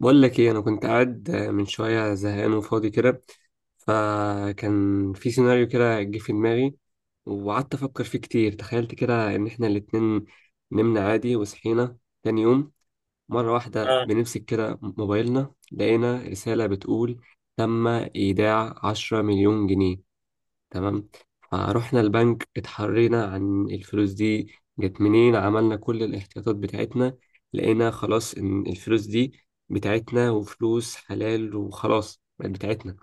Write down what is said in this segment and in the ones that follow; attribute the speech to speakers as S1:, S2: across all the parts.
S1: بقول لك ايه، انا كنت قاعد من شويه زهقان وفاضي كده. فكان في سيناريو كده جه في دماغي، وقعدت افكر فيه كتير. تخيلت كده ان احنا الاتنين نمنا عادي وصحينا تاني يوم، مره واحده
S2: آه.
S1: بنمسك كده موبايلنا لقينا رساله بتقول: تم ايداع 10 مليون جنيه. تمام. فروحنا البنك اتحرينا عن الفلوس دي جت منين، عملنا كل الاحتياطات بتاعتنا. لقينا خلاص ان الفلوس دي بتاعتنا وفلوس حلال، وخلاص بقت بتاعتنا.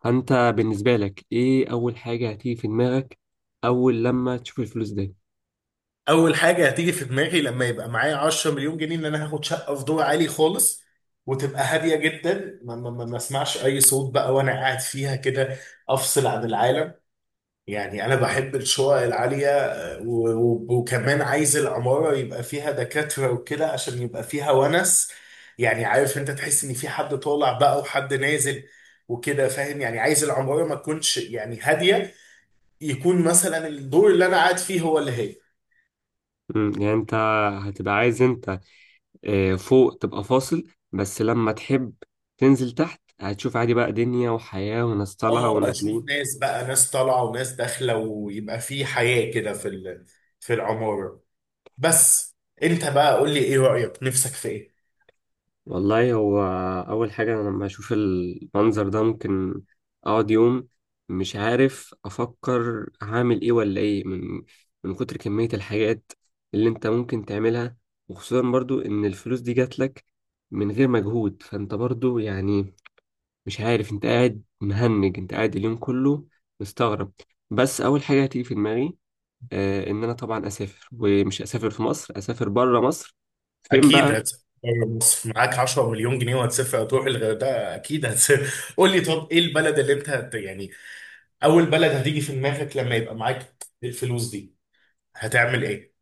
S1: فانت بالنسبة لك ايه اول حاجة هتيجي في دماغك اول لما تشوف الفلوس دي؟
S2: اول حاجه هتيجي في دماغي لما يبقى معايا 10 مليون جنيه ان انا هاخد شقه في دور عالي خالص، وتبقى هاديه جدا، ما اسمعش اي صوت بقى وانا قاعد فيها كده، افصل عن العالم. يعني انا بحب الشقق العاليه، وكمان عايز العماره يبقى فيها دكاتره وكده عشان يبقى فيها ونس. يعني عارف، انت تحس ان في حد طالع بقى وحد نازل وكده، فاهم. يعني عايز العماره ما تكونش يعني هاديه، يكون مثلا الدور اللي انا قاعد فيه هو اللي هادي.
S1: يعني انت هتبقى عايز انت فوق تبقى فاصل، بس لما تحب تنزل تحت هتشوف عادي بقى دنيا وحياة وناس طالعة
S2: اه، اشوف
S1: ونازلين.
S2: ناس بقى، ناس طالعه وناس داخله ويبقى في حياه كده في العماره. بس، انت بقى قول لي ايه رايك، نفسك في ايه؟
S1: والله هو أول حاجة، أنا لما أشوف المنظر ده ممكن أقعد يوم مش عارف أفكر هعمل إيه ولا إيه، من كتر كمية الحاجات اللي أنت ممكن تعملها. وخصوصا برضو إن الفلوس دي جاتلك من غير مجهود، فأنت برضو يعني مش عارف، أنت قاعد مهنج، أنت قاعد اليوم كله مستغرب. بس أول حاجة هتيجي في دماغي إن أنا طبعا أسافر، ومش أسافر في مصر، أسافر بره مصر. فين
S2: اكيد
S1: بقى؟
S2: هتسافر بره مصر، معاك 10 مليون جنيه، وهتسافر تروح الغردقه، اكيد هتسافر قول لي، طب ايه البلد اللي انت يعني اول بلد هتيجي في دماغك لما يبقى معاك الفلوس دي، هتعمل ايه؟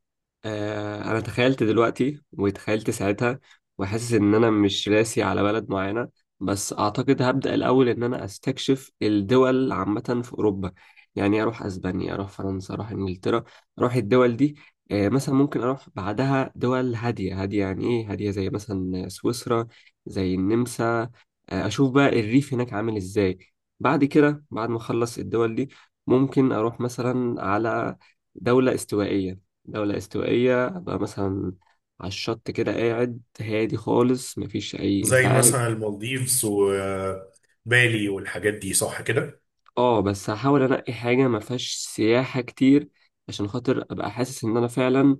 S1: انا تخيلت دلوقتي وتخيلت ساعتها، وحاسس ان انا مش راسي على بلد معينة. بس اعتقد هبدأ الاول ان انا استكشف الدول عامة في اوروبا، يعني اروح اسبانيا، اروح فرنسا، اروح انجلترا، اروح الدول دي. مثلا ممكن اروح بعدها دول هادية هادية، يعني ايه هادية؟ زي مثلا سويسرا، زي النمسا. اشوف بقى الريف هناك عامل ازاي. بعد كده، بعد ما اخلص الدول دي ممكن اروح مثلا على دولة استوائية. دولة استوائية أبقى مثلا على الشط كده قاعد هادي خالص، مفيش أي
S2: زي
S1: إزعاج.
S2: مثلا المالديفز وبالي والحاجات دي، صح كده؟
S1: اه بس هحاول أنقي حاجة مفيهاش سياحة كتير، عشان خاطر أبقى حاسس إن أنا فعلا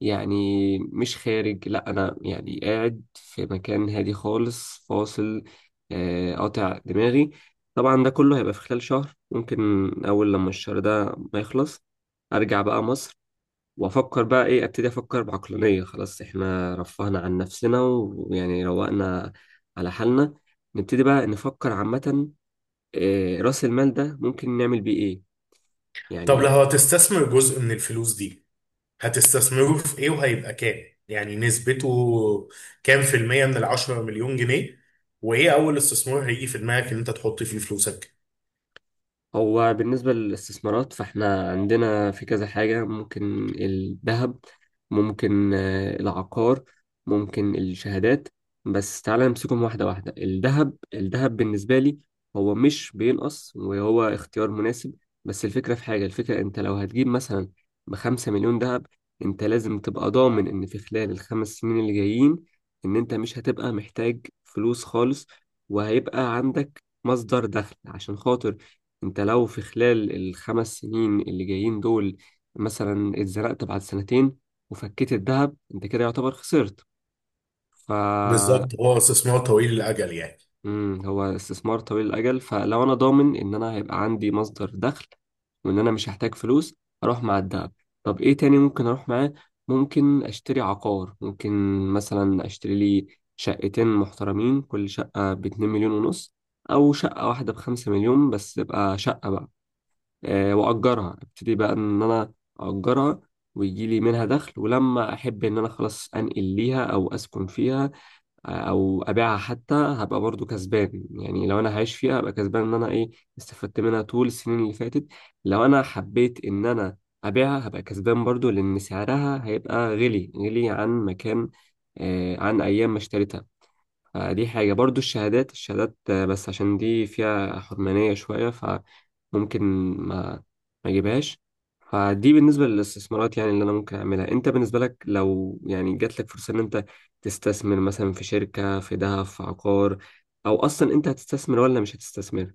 S1: يعني مش خارج، لأ أنا يعني قاعد في مكان هادي خالص فاصل، قاطع دماغي. طبعا ده كله هيبقى في خلال شهر ممكن. أول لما الشهر ده ما يخلص أرجع بقى مصر، وافكر بقى ايه، ابتدي افكر بعقلانيه. خلاص احنا رفهنا عن نفسنا ويعني روقنا على حالنا، نبتدي بقى نفكر عامه، راس المال ده ممكن نعمل بيه ايه
S2: طب لو
S1: يعني.
S2: هتستثمر جزء من الفلوس دي، هتستثمره في ايه؟ وهيبقى كام يعني نسبته، كام في المية من 10 مليون جنيه؟ وايه اول استثمار هيجي في دماغك ان انت تحط فيه فلوسك؟
S1: هو بالنسبة للاستثمارات، فاحنا عندنا في كذا حاجة، ممكن الذهب، ممكن العقار، ممكن الشهادات. بس تعالى نمسكهم واحدة واحدة. الذهب بالنسبة لي هو مش بينقص، وهو اختيار مناسب. بس الفكرة في حاجة، الفكرة انت لو هتجيب مثلا ب5 مليون ذهب، انت لازم تبقى ضامن ان في خلال الخمس سنين اللي جايين ان انت مش هتبقى محتاج فلوس خالص، وهيبقى عندك مصدر دخل. عشان خاطر انت لو في خلال الخمس سنين اللي جايين دول مثلا اتزنقت بعد سنتين وفكيت الذهب، انت كده يعتبر خسرت. ف
S2: بالظبط، هو استثمار طويل الاجل يعني.
S1: هو استثمار طويل الاجل، فلو انا ضامن ان انا هيبقى عندي مصدر دخل وان انا مش هحتاج فلوس، اروح مع الذهب. طب ايه تاني ممكن اروح معاه؟ ممكن اشتري عقار، ممكن مثلا اشتري لي شقتين محترمين، كل شقة ب2 مليون ونص، او شقة واحدة ب5 مليون بس تبقى شقة بقى. واجرها، ابتدي بقى ان انا اجرها، ويجي لي منها دخل، ولما احب ان انا خلاص انقل ليها او اسكن فيها، او ابيعها حتى هبقى برضو كسبان. يعني لو انا هعيش فيها هبقى كسبان ان انا ايه، استفدت منها طول السنين اللي فاتت. لو انا حبيت ان انا ابيعها هبقى كسبان برضو، لان سعرها هيبقى غلي عن مكان، عن ايام ما اشتريتها. دي حاجة برضو. الشهادات بس عشان دي فيها حرمانية شوية فممكن ما ما اجيبهاش. فدي بالنسبة للاستثمارات يعني اللي أنا ممكن أعملها. أنت بالنسبة لك لو يعني جات لك فرصة إن أنت تستثمر مثلا في شركة، في ذهب، في عقار، أو أصلا أنت هتستثمر ولا مش هتستثمر؟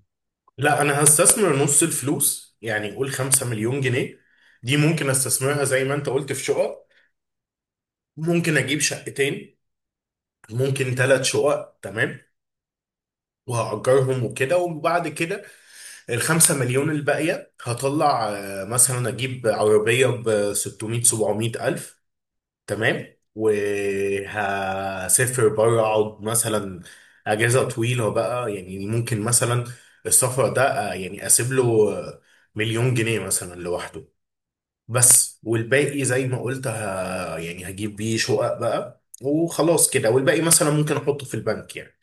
S2: لا، انا هستثمر نص الفلوس، يعني قول 5 مليون جنيه دي ممكن استثمرها زي ما انت قلت في شقق. ممكن اجيب شقتين، ممكن ثلاث شقق. تمام، وهأجرهم وكده. وبعد كده 5 مليون الباقية هطلع، مثلا أجيب عربية ب 600 700 ألف. تمام، وهسافر بره، أقعد مثلا أجازة طويلة بقى يعني، ممكن مثلا السفر ده يعني أسيب له آه، مليون جنيه مثلا لوحده بس. والباقي زي ما قلت، يعني هجيب بيه شقق بقى وخلاص كده، والباقي مثلا ممكن أحطه في البنك يعني.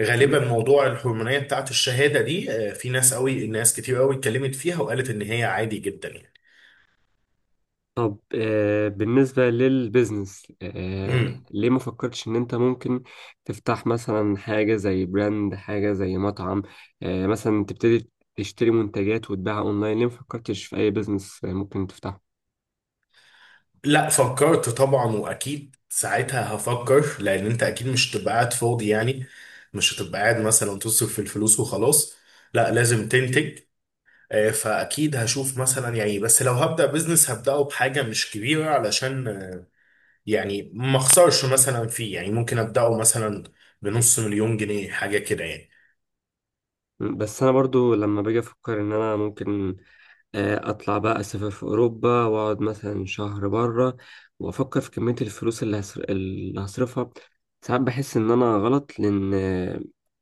S2: غالبا موضوع الهرمونية بتاعت الشهادة دي، في ناس قوي، ناس كتير قوي اتكلمت فيها وقالت ان هي عادي جدا يعني.
S1: طب بالنسبة للبيزنس،
S2: امم
S1: ليه ما فكرتش إن أنت ممكن تفتح مثلا حاجة زي براند، حاجة زي مطعم، مثلا تبتدي تشتري منتجات وتبيعها أونلاين؟ ليه ما فكرتش في أي بيزنس ممكن تفتحه؟
S2: لا، فكرت طبعا، واكيد ساعتها هفكر، لان انت اكيد مش هتبقى قاعد فاضي يعني، مش هتبقى قاعد مثلا تصرف في الفلوس وخلاص، لا لازم تنتج. فاكيد هشوف مثلا يعني. بس لو هبدأ بزنس هبدأه بحاجة مش كبيرة، علشان يعني ما اخسرش مثلا فيه يعني. ممكن أبدأه مثلا بنص مليون جنيه حاجة كده يعني.
S1: بس أنا برضو لما باجي أفكر إن أنا ممكن اطلع بقى اسافر في اوروبا واقعد مثلا شهر بره، وافكر في كميه الفلوس اللي اللي هصرفها. ساعات بحس ان انا غلط، لان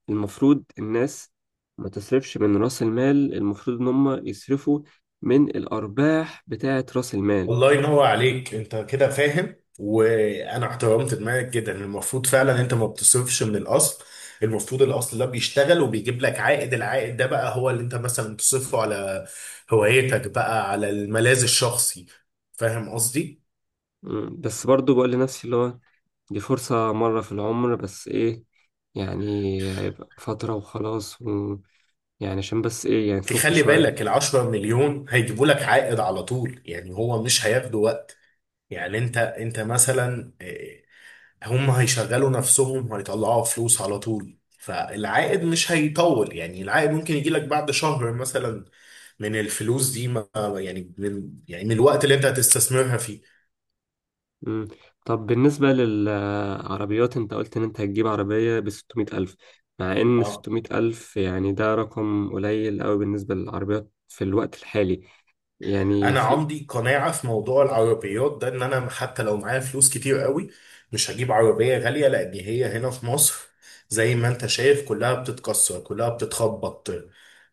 S1: المفروض الناس ما تصرفش من راس المال، المفروض ان هم يصرفوا من الارباح بتاعه راس المال.
S2: الله ينور عليك، انت كده فاهم، وانا احترمت دماغك جدا. المفروض فعلا انت ما بتصرفش من الاصل، المفروض الاصل ده بيشتغل وبيجيب لك عائد، العائد ده بقى هو اللي انت مثلا تصرفه على هوايتك بقى، على الملاذ الشخصي. فاهم قصدي؟
S1: بس برضو بقول لنفسي اللي هو دي فرصة مرة في العمر، بس ايه يعني، هيبقى فترة وخلاص، ويعني عشان بس ايه يعني نفك
S2: تخلي
S1: شوية.
S2: بالك العشرة مليون هيجيبوا لك عائد على طول يعني، هو مش هياخدوا وقت يعني. انت مثلا، هم هيشغلوا نفسهم وهيطلعوا فلوس على طول، فالعائد مش هيطول يعني، العائد ممكن يجي لك بعد شهر مثلا من الفلوس دي، ما يعني من يعني من الوقت اللي انت هتستثمرها فيه.
S1: مم. طب بالنسبة للعربيات، انت قلت ان انت هتجيب عربية ب600 ألف، مع ان
S2: اه،
S1: 600 ألف يعني ده رقم قليل قوي بالنسبة للعربيات في الوقت الحالي، يعني
S2: انا
S1: في.
S2: عندي قناعه في موضوع العربيات ده، ان انا حتى لو معايا فلوس كتير قوي مش هجيب عربيه غاليه، لان هي هنا في مصر، زي ما انت شايف كلها بتتكسر، كلها بتتخبط،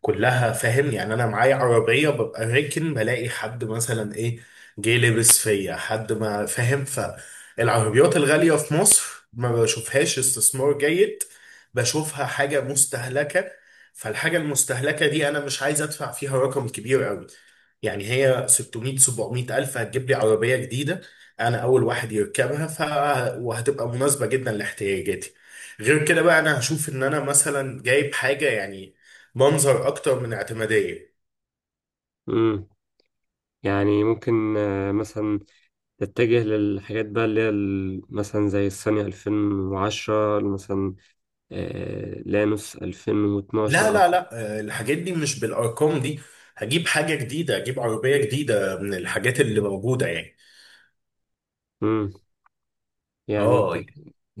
S2: كلها، فاهم يعني، انا معايا عربيه ببقى راكن بلاقي حد مثلا ايه جه لبس فيا، حد ما فاهم. فالعربيات الغاليه في مصر ما بشوفهاش استثمار جيد، بشوفها حاجه مستهلكه، فالحاجه المستهلكه دي انا مش عايز ادفع فيها رقم كبير قوي. يعني هي 600 700 ألف هتجيب لي عربية جديدة، أنا أول واحد يركبها، وهتبقى مناسبة جدا لاحتياجاتي. غير كده بقى أنا هشوف إن أنا مثلا جايب حاجة يعني منظر أكتر من اعتمادية.
S1: مم. يعني ممكن مثلا تتجه للحاجات بقى اللي هي مثلا زي الصينية 2010 مثلا، لانوس
S2: لا
S1: 2012
S2: لا لا، الحاجات دي مش بالأرقام دي، هجيب حاجة جديدة، هجيب عربية جديدة من الحاجات اللي موجودة يعني.
S1: مم. يعني انت
S2: اه،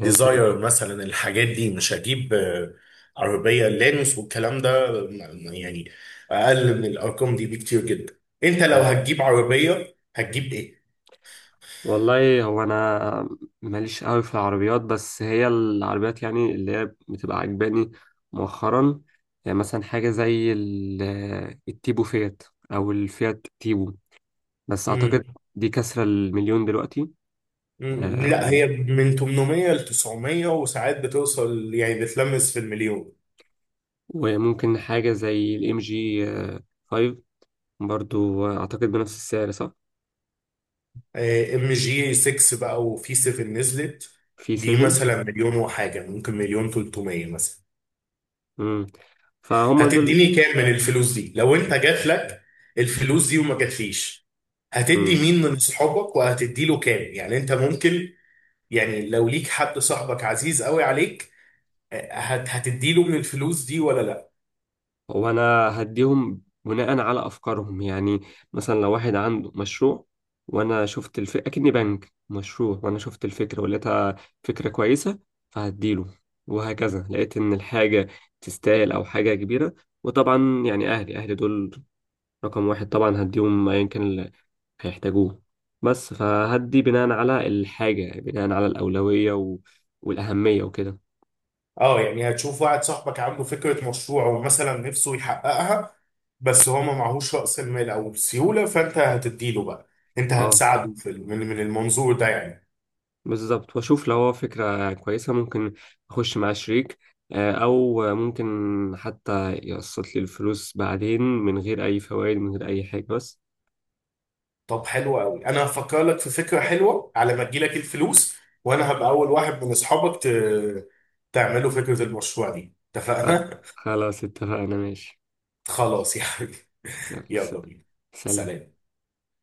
S1: يعني
S2: مثلا الحاجات دي مش هجيب، عربية لانوس والكلام ده يعني اقل من الارقام دي بكتير جدا. انت لو
S1: انت
S2: هتجيب عربية هتجيب ايه؟
S1: والله هو، انا ماليش قوي في العربيات، بس هي العربيات يعني اللي هي بتبقى عجباني مؤخرا، يعني مثلا حاجه زي التيبو فيات، او الفيات تيبو، بس اعتقد
S2: مم.
S1: دي كسره المليون دلوقتي.
S2: مم.
S1: آه،
S2: لا،
S1: و-
S2: هي من 800 ل 900، وساعات بتوصل يعني بتلمس في المليون.
S1: وممكن حاجه زي الام جي 5، برضو اعتقد بنفس السعر، صح؟
S2: ام جي 6 بقى، وفي 7 نزلت.
S1: في
S2: دي
S1: 7.
S2: مثلا مليون وحاجة، ممكن مليون 300 مثلا.
S1: امم فهم دول.
S2: هتديني كام من الفلوس دي لو انت جات لك الفلوس دي وما جاتليش؟ هتدي مين من صحابك؟ وهتدي له كام يعني؟ انت ممكن يعني، لو ليك حد صاحبك عزيز قوي عليك، آه، هت هتدي له من الفلوس دي ولا لا؟
S1: وانا هديهم بناء على افكارهم، يعني مثلا لو واحد عنده مشروع وانا اكني بنك مشروع وانا شفت الفكره ولقيتها فكره كويسه، فهديله. وهكذا لقيت ان الحاجه تستاهل، او حاجه كبيره. وطبعا يعني اهلي دول رقم واحد، طبعا هديهم ايا كان اللي هيحتاجوه. بس فهدي بناء على الحاجه، بناء على الاولويه والاهميه وكده.
S2: اه، يعني هتشوف واحد صاحبك عنده فكرة مشروع ومثلا نفسه يحققها، بس هو ما معهوش رأس المال او السيولة، فانت هتدي له بقى. انت
S1: اه
S2: هتساعده من المنظور ده يعني.
S1: بالظبط، واشوف لو هو فكرة كويسة ممكن اخش مع شريك، او ممكن حتى يقسط لي الفلوس بعدين من غير اي فوائد، من غير اي حاجة بس.
S2: طب حلو قوي، انا هفكر لك في فكره حلوه على ما تجيلك الفلوس، وانا هبقى اول واحد من اصحابك تعملوا فكره المشروع دي،
S1: خ-
S2: اتفقنا؟
S1: خلاص اتفقنا، ماشي.
S2: خلاص يا حبيبي،
S1: يلا
S2: يلا بينا،
S1: سلام.
S2: سلام.